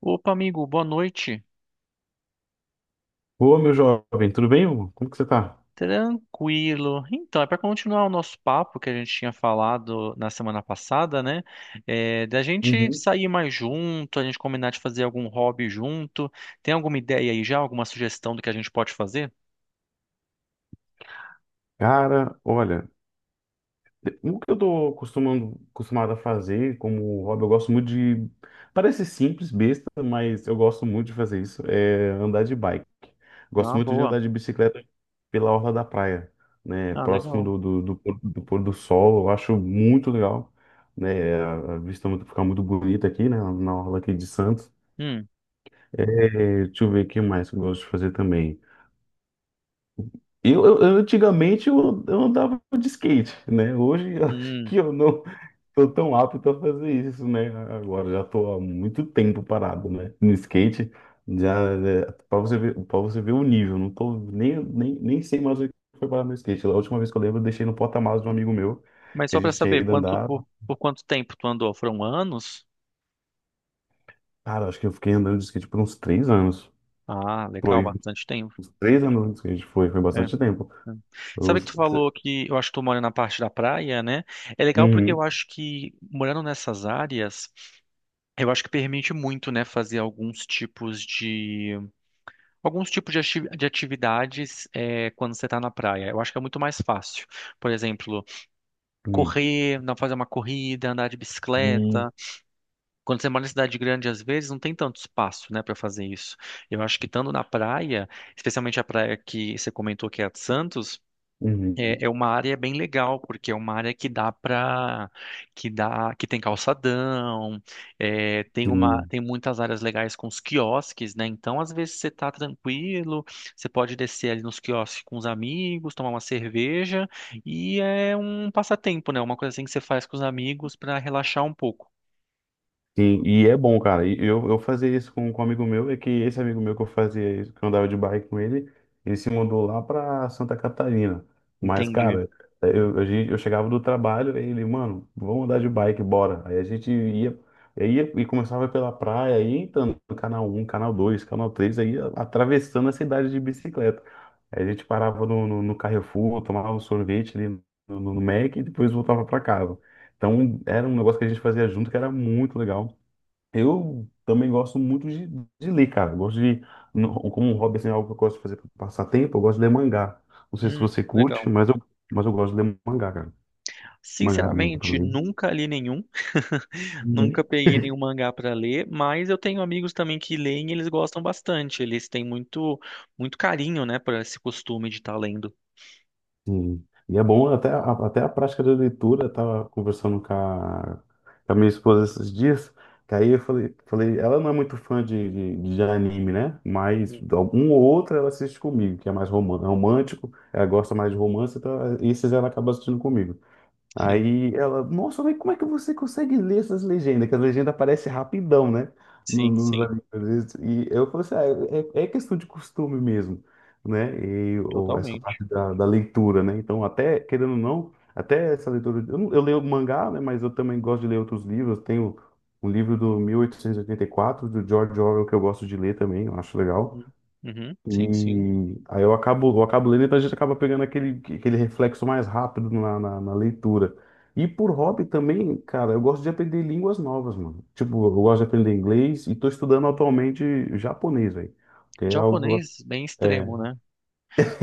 Opa, amigo, boa noite. Ô, meu jovem, tudo bem? Hugo? Como que você tá? Tranquilo. Então, é para continuar o nosso papo que a gente tinha falado na semana passada, né? É, da gente Uhum. sair mais junto, a gente combinar de fazer algum hobby junto. Tem alguma ideia aí já? Alguma sugestão do que a gente pode fazer? Cara, olha, o que eu tô acostumado a fazer como hobby, eu gosto muito de. Parece simples, besta, mas eu gosto muito de fazer isso, é andar de bike. Gosto Ah, muito de boa. andar de bicicleta pela orla da praia, né? Ah, Próximo legal. do pôr do sol, eu acho muito legal, né? A vista fica muito bonita aqui, né? Na orla aqui de Santos. Hum, É, deixa eu ver o que mais que eu gosto de fazer também. Eu antigamente eu andava de skate, né? Hoje eu acho hum. que eu não tô tão apto a fazer isso, né? Agora já tô há muito tempo parado, né? No skate, já é, para você ver o nível, não tô nem sei mais o que foi parar no skate. A última vez que eu lembro, eu deixei no porta-malas de um amigo meu, Mas que a só para gente tinha saber, ido quanto andar. Por quanto tempo tu andou? Foram anos? Cara, acho que eu fiquei andando de skate por uns 3 anos. Ah, legal, Foi, bastante tempo. uns 3 anos de skate, foi bastante tempo. Hum. Eu, Sabe que tu falou que eu acho que tu mora na parte da praia, né? É legal porque eu uhum, acho que morando nessas áreas, eu acho que permite muito, né, fazer alguns tipos de de atividades, é, quando você tá na praia. Eu acho que é muito mais fácil. Por exemplo, uhum, correr, não, fazer uma corrida, andar de uhum, bicicleta. Quando você mora em cidade grande, às vezes não tem tanto espaço, né, para fazer isso. Eu acho que estando na praia, especialmente a praia que você comentou que é a de Santos, é, uhum. é uma área bem legal, porque é uma área que dá para que tem calçadão, é, Sim. tem muitas áreas legais com os quiosques, né? Então, às vezes você tá tranquilo, você pode descer ali nos quiosques com os amigos, tomar uma cerveja, e é um passatempo, né? Uma coisa assim que você faz com os amigos para relaxar um pouco. Sim, e é bom, cara. E eu fazia isso com um amigo meu, é que esse amigo meu que eu fazia isso, que eu andava de bike com ele, ele se mudou lá pra Santa Catarina. Mas, Entendi. cara, eu chegava do trabalho, aí ele, mano, vamos andar de bike, bora. Aí a gente ia e começava pela praia, aí entrando no canal um, canal dois, canal três, aí atravessando a cidade de bicicleta. Aí a gente parava no Carrefour, tomava um sorvete ali no Mac e depois voltava pra casa. Então, era um negócio que a gente fazia junto que era muito legal. Eu também gosto muito de ler, cara. Eu gosto de, no- Como um hobby, assim, é algo que eu gosto de fazer para passar tempo, eu gosto de ler mangá. Não sei se Hum, você curte, legal. mas eu gosto de ler mangá, cara. Mangá do meu Sinceramente, também. nunca li nenhum. Nunca Uhum. peguei nenhum mangá para ler, mas eu tenho amigos também que leem e eles gostam bastante. Eles têm muito carinho, né, por esse costume de estar lendo. Sim. E é bom até a prática da leitura. Eu tava conversando com a minha esposa esses dias, que aí eu falei, ela não é muito fã de anime, né? Mas Hum. um ou outro ela assiste comigo, que é mais é romântico, ela gosta mais de romance, então esses ela acaba assistindo comigo. Sim, Aí ela, nossa, mas como é que você consegue ler essas legendas? Que as legendas aparecem rapidão, né? No- sim, Nos sim, animes, às vezes. E eu falei assim, ah, é questão de costume mesmo, né? Essa totalmente. parte da leitura, né? Então, até, querendo ou não, até essa leitura. Eu, não- eu leio mangá, né? Mas eu também gosto de ler outros livros. Tenho um livro do mil oitocentos e oitenta e quatro do George Orwell, que eu gosto de ler também, eu acho legal. Uhum, uhum, sim, sim. E aí eu acabo lendo, então a gente acaba pegando aquele reflexo mais rápido na leitura. E por hobby também, cara, eu gosto de aprender línguas novas, mano. Tipo, eu gosto de aprender inglês e tô estudando atualmente japonês, velho. Que é algo. Japonês bem É. extremo, né?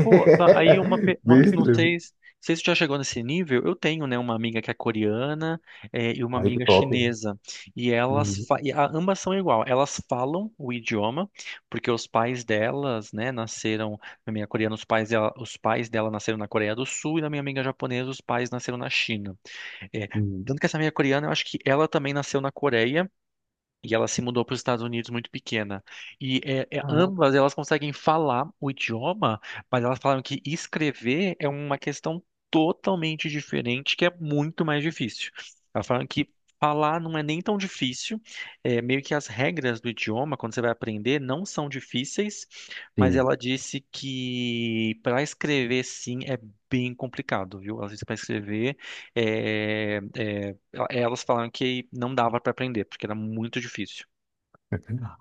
Pô, tá, aí uma, Bem pe- não estranho. sei se isso já chegou nesse nível. Eu tenho, né, uma amiga que é coreana, e uma Olha que amiga top. chinesa, e elas, Uhum, ambas são igual, elas falam o idioma, porque os pais delas, né, nasceram. Na minha coreana, os pais dela nasceram na Coreia do Sul, e na minha amiga japonesa, os pais nasceram na China. É, uhum. tanto que essa minha coreana, eu acho que ela também nasceu na Coreia, e ela se mudou para os Estados Unidos muito pequena. E Caraca. ambas elas conseguem falar o idioma, mas elas falaram que escrever é uma questão totalmente diferente, que é muito mais difícil. Elas falaram que falar não é nem tão difícil, é, meio que as regras do idioma, quando você vai aprender, não são difíceis, mas Sim. ela disse que para escrever, sim, é bem complicado, viu? Ela disse para escrever é, é, elas falaram que não dava pra aprender, porque era muito difícil.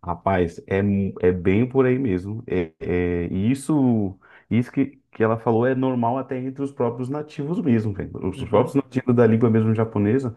Rapaz, é bem por aí mesmo. E isso que ela falou é normal até entre os próprios nativos mesmo, velho. Os Uhum. próprios nativos da língua mesmo japonesa,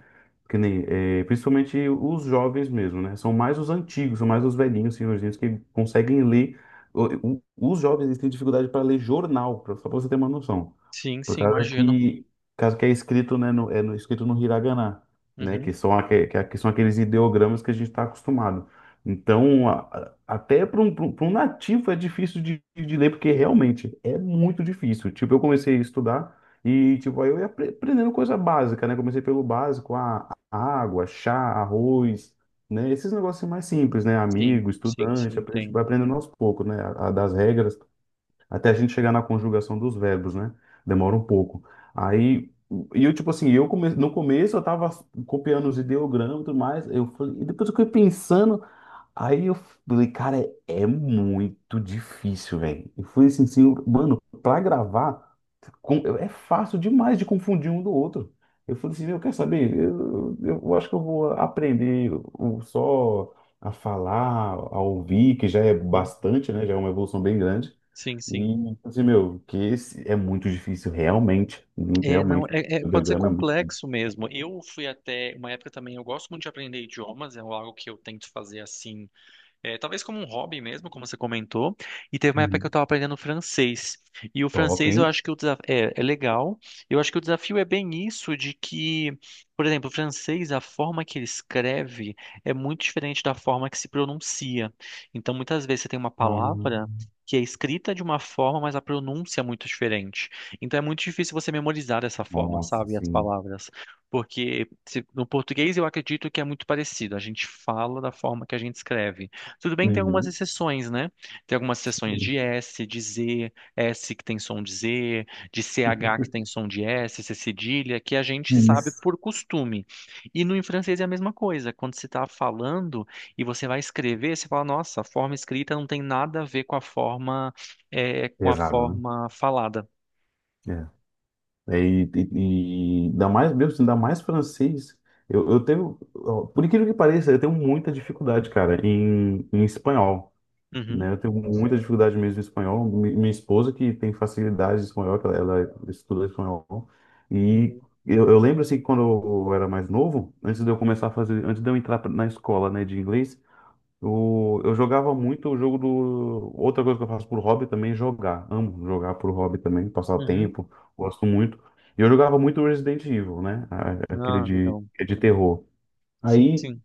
que nem, é, principalmente os jovens mesmo, né? São mais os antigos, são mais os velhinhos, senhorzinhos que conseguem ler. O- Os jovens eles têm dificuldade para ler jornal, só para você ter uma noção. Sim, Por sim, causa imagino. que, por causa que é escrito, né, escrito no Hiragana, né, Uhum. que são aqueles ideogramas que a gente está acostumado. Então, até para um, pra um pra um nativo é difícil de ler, porque realmente é muito difícil. Tipo, eu comecei a estudar e, tipo, aí eu ia aprendendo coisa básica, né? Comecei pelo básico, a água, chá, arroz, né? Esses negócios assim mais simples, né? Sim, Amigo, sim, estudante, sim, aprende, vai entendo. aprendendo aos poucos, né? A das regras até a gente chegar na conjugação dos verbos, né? Demora um pouco. Aí, e eu, tipo assim, no começo eu tava copiando os ideogramas e tudo mais, eu falei, e depois eu fiquei pensando, aí eu falei, cara, é muito difícil, velho. E fui assim, mano, pra gravar, é fácil demais de confundir um do outro. Eu falei assim, eu quero saber, eu acho que eu vou aprender só a falar, a ouvir, que já é Uhum. bastante, né? Já é uma evolução bem grande. Sim, sim. E, tipo assim, meu, que esse é muito difícil, realmente. Muito, É, não, realmente. é, é- O Pode ser ideograma é muito complexo mesmo. Eu fui até uma época também, eu gosto muito de aprender idiomas, é algo que eu tento fazer assim. É, talvez como um hobby mesmo, como você comentou. E teve uma época que eu muito estava aprendendo francês. E o top, francês, eu hein? acho que o desafio é legal. Eu acho que o desafio é bem isso, de que, por exemplo, o francês, a forma que ele escreve é muito diferente da forma que se pronuncia. Então, muitas vezes você tem uma palavra Ah, que é escrita de uma forma, mas a pronúncia é muito diferente. Então é muito difícil você memorizar dessa forma, nossa, sabe, as sim. palavras. Porque no português eu acredito que é muito parecido. A gente fala da forma que a gente escreve. Tudo bem que tem algumas Uhum. exceções, né? Tem algumas exceções de S, de Z, S que tem som de Z, de CH que tem som de S, C cedilha, que a gente sabe Isso. por costume. E no, em francês é a mesma coisa. Quando você está falando e você vai escrever, você fala, nossa, a forma escrita não tem nada a ver com a forma, é, com a Pesado, forma falada. né? É. É, e ainda mais, meu, assim, ainda mais francês. Eu tenho, ó, por incrível que pareça, eu tenho muita dificuldade, cara, em espanhol. Uhum, Né? Eu tenho muita dificuldade mesmo em espanhol. Minha esposa que tem facilidade em espanhol, que ela estuda espanhol. E uhum, eu lembro assim que quando eu era mais novo, antes de eu começar a fazer, antes de eu entrar na escola, né, de inglês, eu jogava muito o jogo do. Outra coisa que eu faço por hobby também é jogar. Amo jogar por hobby também, passar o uhum. tempo, gosto muito. E eu jogava muito Resident Evil, né? Aquele Ah, legal. de terror. Sim, Aí sim.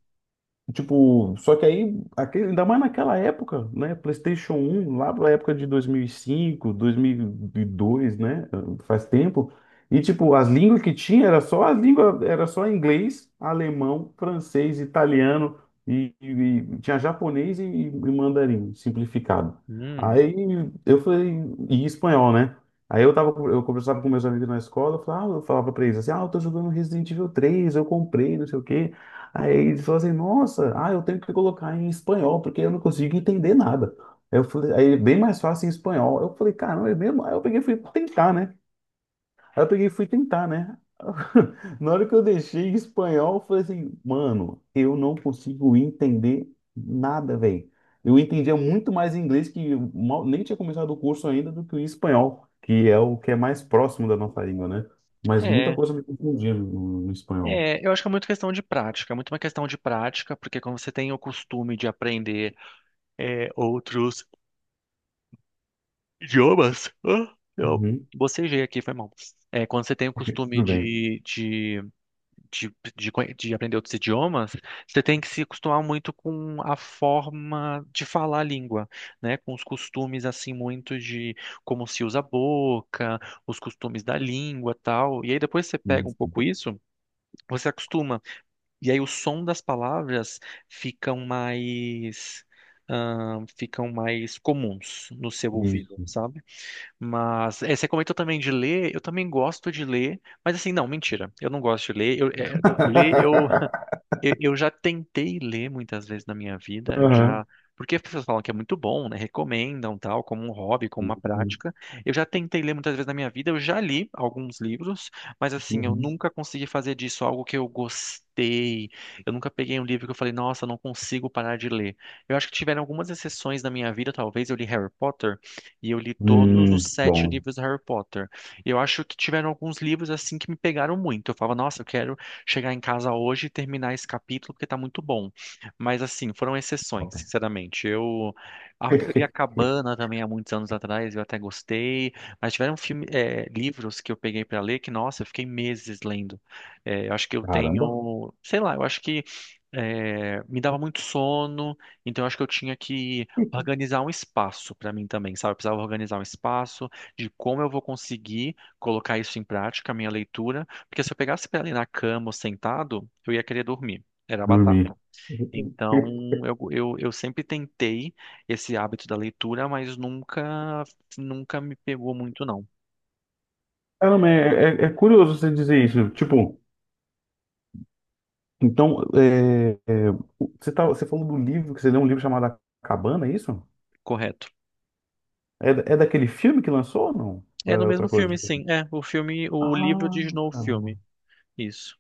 tipo, só que aí, aquele, ainda mais naquela época, né? PlayStation 1 lá na época de 2005, 2002, né? Faz tempo. E tipo, as línguas que tinha era só as línguas, era só inglês, alemão, francês, italiano e tinha japonês e mandarim simplificado. Hum, Aí eu falei, e espanhol, né? Aí eu tava, eu conversava com meus amigos na escola, eu falava, ah, eu falava pra eles assim, ah, eu tô jogando Resident Evil 3, eu comprei, não sei o quê. Aí eles falaram assim, nossa, ah, eu tenho que colocar em espanhol, porque eu não consigo entender nada. Aí eu falei, aí é bem mais fácil em espanhol. Eu falei, caramba, é mesmo? Aí eu peguei e fui tentar, né? Aí eu peguei e fui tentar, né? Na hora que eu deixei em espanhol, eu falei assim, mano, eu não consigo entender nada, velho. Eu entendia muito mais inglês, que eu mal, nem tinha começado o curso ainda, do que o espanhol, que é o que é mais próximo da nossa língua, né? Mas muita é. coisa me confundia no espanhol. É, eu acho que é muito questão de prática, porque quando você tem o costume de aprender, é, outros idiomas, ah, eu Uhum, bocejei aqui, foi mal. É, quando você tem o costume tudo bem. De aprender outros idiomas, você tem que se acostumar muito com a forma de falar a língua, né? Com os costumes, assim, muito de como se usa a boca, os costumes da língua, tal. E aí depois você pega um pouco isso, você acostuma. E aí o som das palavras ficam mais, ficam mais comuns no seu ouvido, Isso. sabe? Mas é, você comentou também de ler, eu também gosto de ler, mas assim, não, mentira, eu não gosto de ler, eu, é, ler eu já tentei ler muitas vezes na minha vida, Aham. Porque as pessoas falam que é muito bom, né? Recomendam tal, como um hobby, como uma Uhum. prática. Eu já tentei ler muitas vezes na minha vida, eu já li alguns livros, mas assim, eu Uhum. nunca consegui fazer disso algo que eu gostei. Eu nunca peguei um livro que eu falei, nossa, não consigo parar de ler. Eu acho que tiveram algumas exceções na minha vida, talvez eu li Harry Potter e eu li todos os sete Bom. livros do Harry Potter. Eu acho que tiveram alguns livros assim que me pegaram muito. Eu falava, nossa, eu quero chegar em casa hoje e terminar esse capítulo porque tá muito bom. Mas assim, foram Top. exceções, sinceramente. Eu li A Cabana também há muitos anos atrás, eu até gostei, mas tiveram livros que eu peguei pra ler que, nossa, eu fiquei meses lendo. É, eu acho que eu Caramba. tenho, sei lá, eu acho que é, me dava muito sono, então eu acho que eu tinha que organizar um espaço para mim também, sabe? Eu precisava organizar um espaço de como eu vou conseguir colocar isso em prática, a minha leitura, porque se eu pegasse pra ali na cama ou sentado, eu ia querer dormir. Era batata. Dormir. Então, eu sempre tentei esse hábito da leitura, mas nunca, nunca me pegou muito, não. Caramba, é curioso você dizer isso. Tipo, então, você, tá, você falou do livro, que você leu um livro chamado A Cabana, é isso? Correto. É daquele filme que lançou ou não? Ou É no é mesmo outra coisa filme, sim. diferente? É, o filme, o livro Ah, diz no filme. caramba. Isso.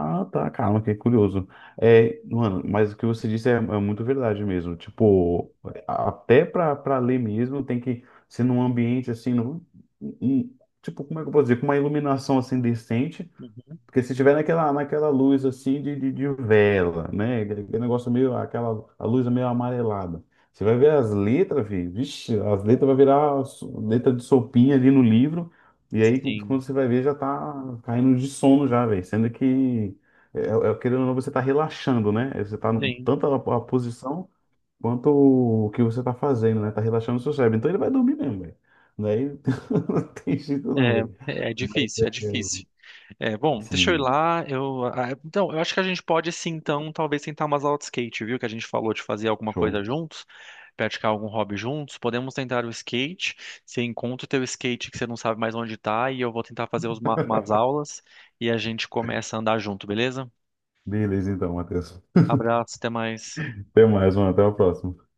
Ah, tá, calma, que é curioso. É, mano, mas o que você disse é muito verdade mesmo. Tipo, até pra ler mesmo, tem que ser num ambiente assim, tipo, como é que eu posso dizer? Com uma iluminação assim decente, Uhum. porque se tiver naquela luz assim de vela, né? Aquele negócio meio, aquela a luz é meio amarelada. Você vai ver as letras, filho. Vixe, as letras vai virar letra de sopinha ali no livro. E aí, Sim, quando você vai ver, já tá caindo de sono já, velho. Sendo que, querendo ou não, você tá relaxando, né? Você tá sim. tanto a posição quanto o que você tá fazendo, né? Tá relaxando o seu cérebro. Então ele vai dormir mesmo, velho. Daí não tem jeito não, É, velho. é Mas difícil, é é, difícil. É, bom, deixa eu ir assim, lá. Eu, ah, então, eu acho que a gente pode, sim, então, talvez tentar umas aulas de skate, viu? Que a gente falou de fazer alguma show. coisa juntos, praticar algum hobby juntos. Podemos tentar o skate. Você encontra o teu skate que você não sabe mais onde tá e eu vou tentar fazer umas aulas e a gente começa a andar junto, beleza? Beleza, então, Matheus. Abraço, até mais. Até mais, mano. Até a próxima.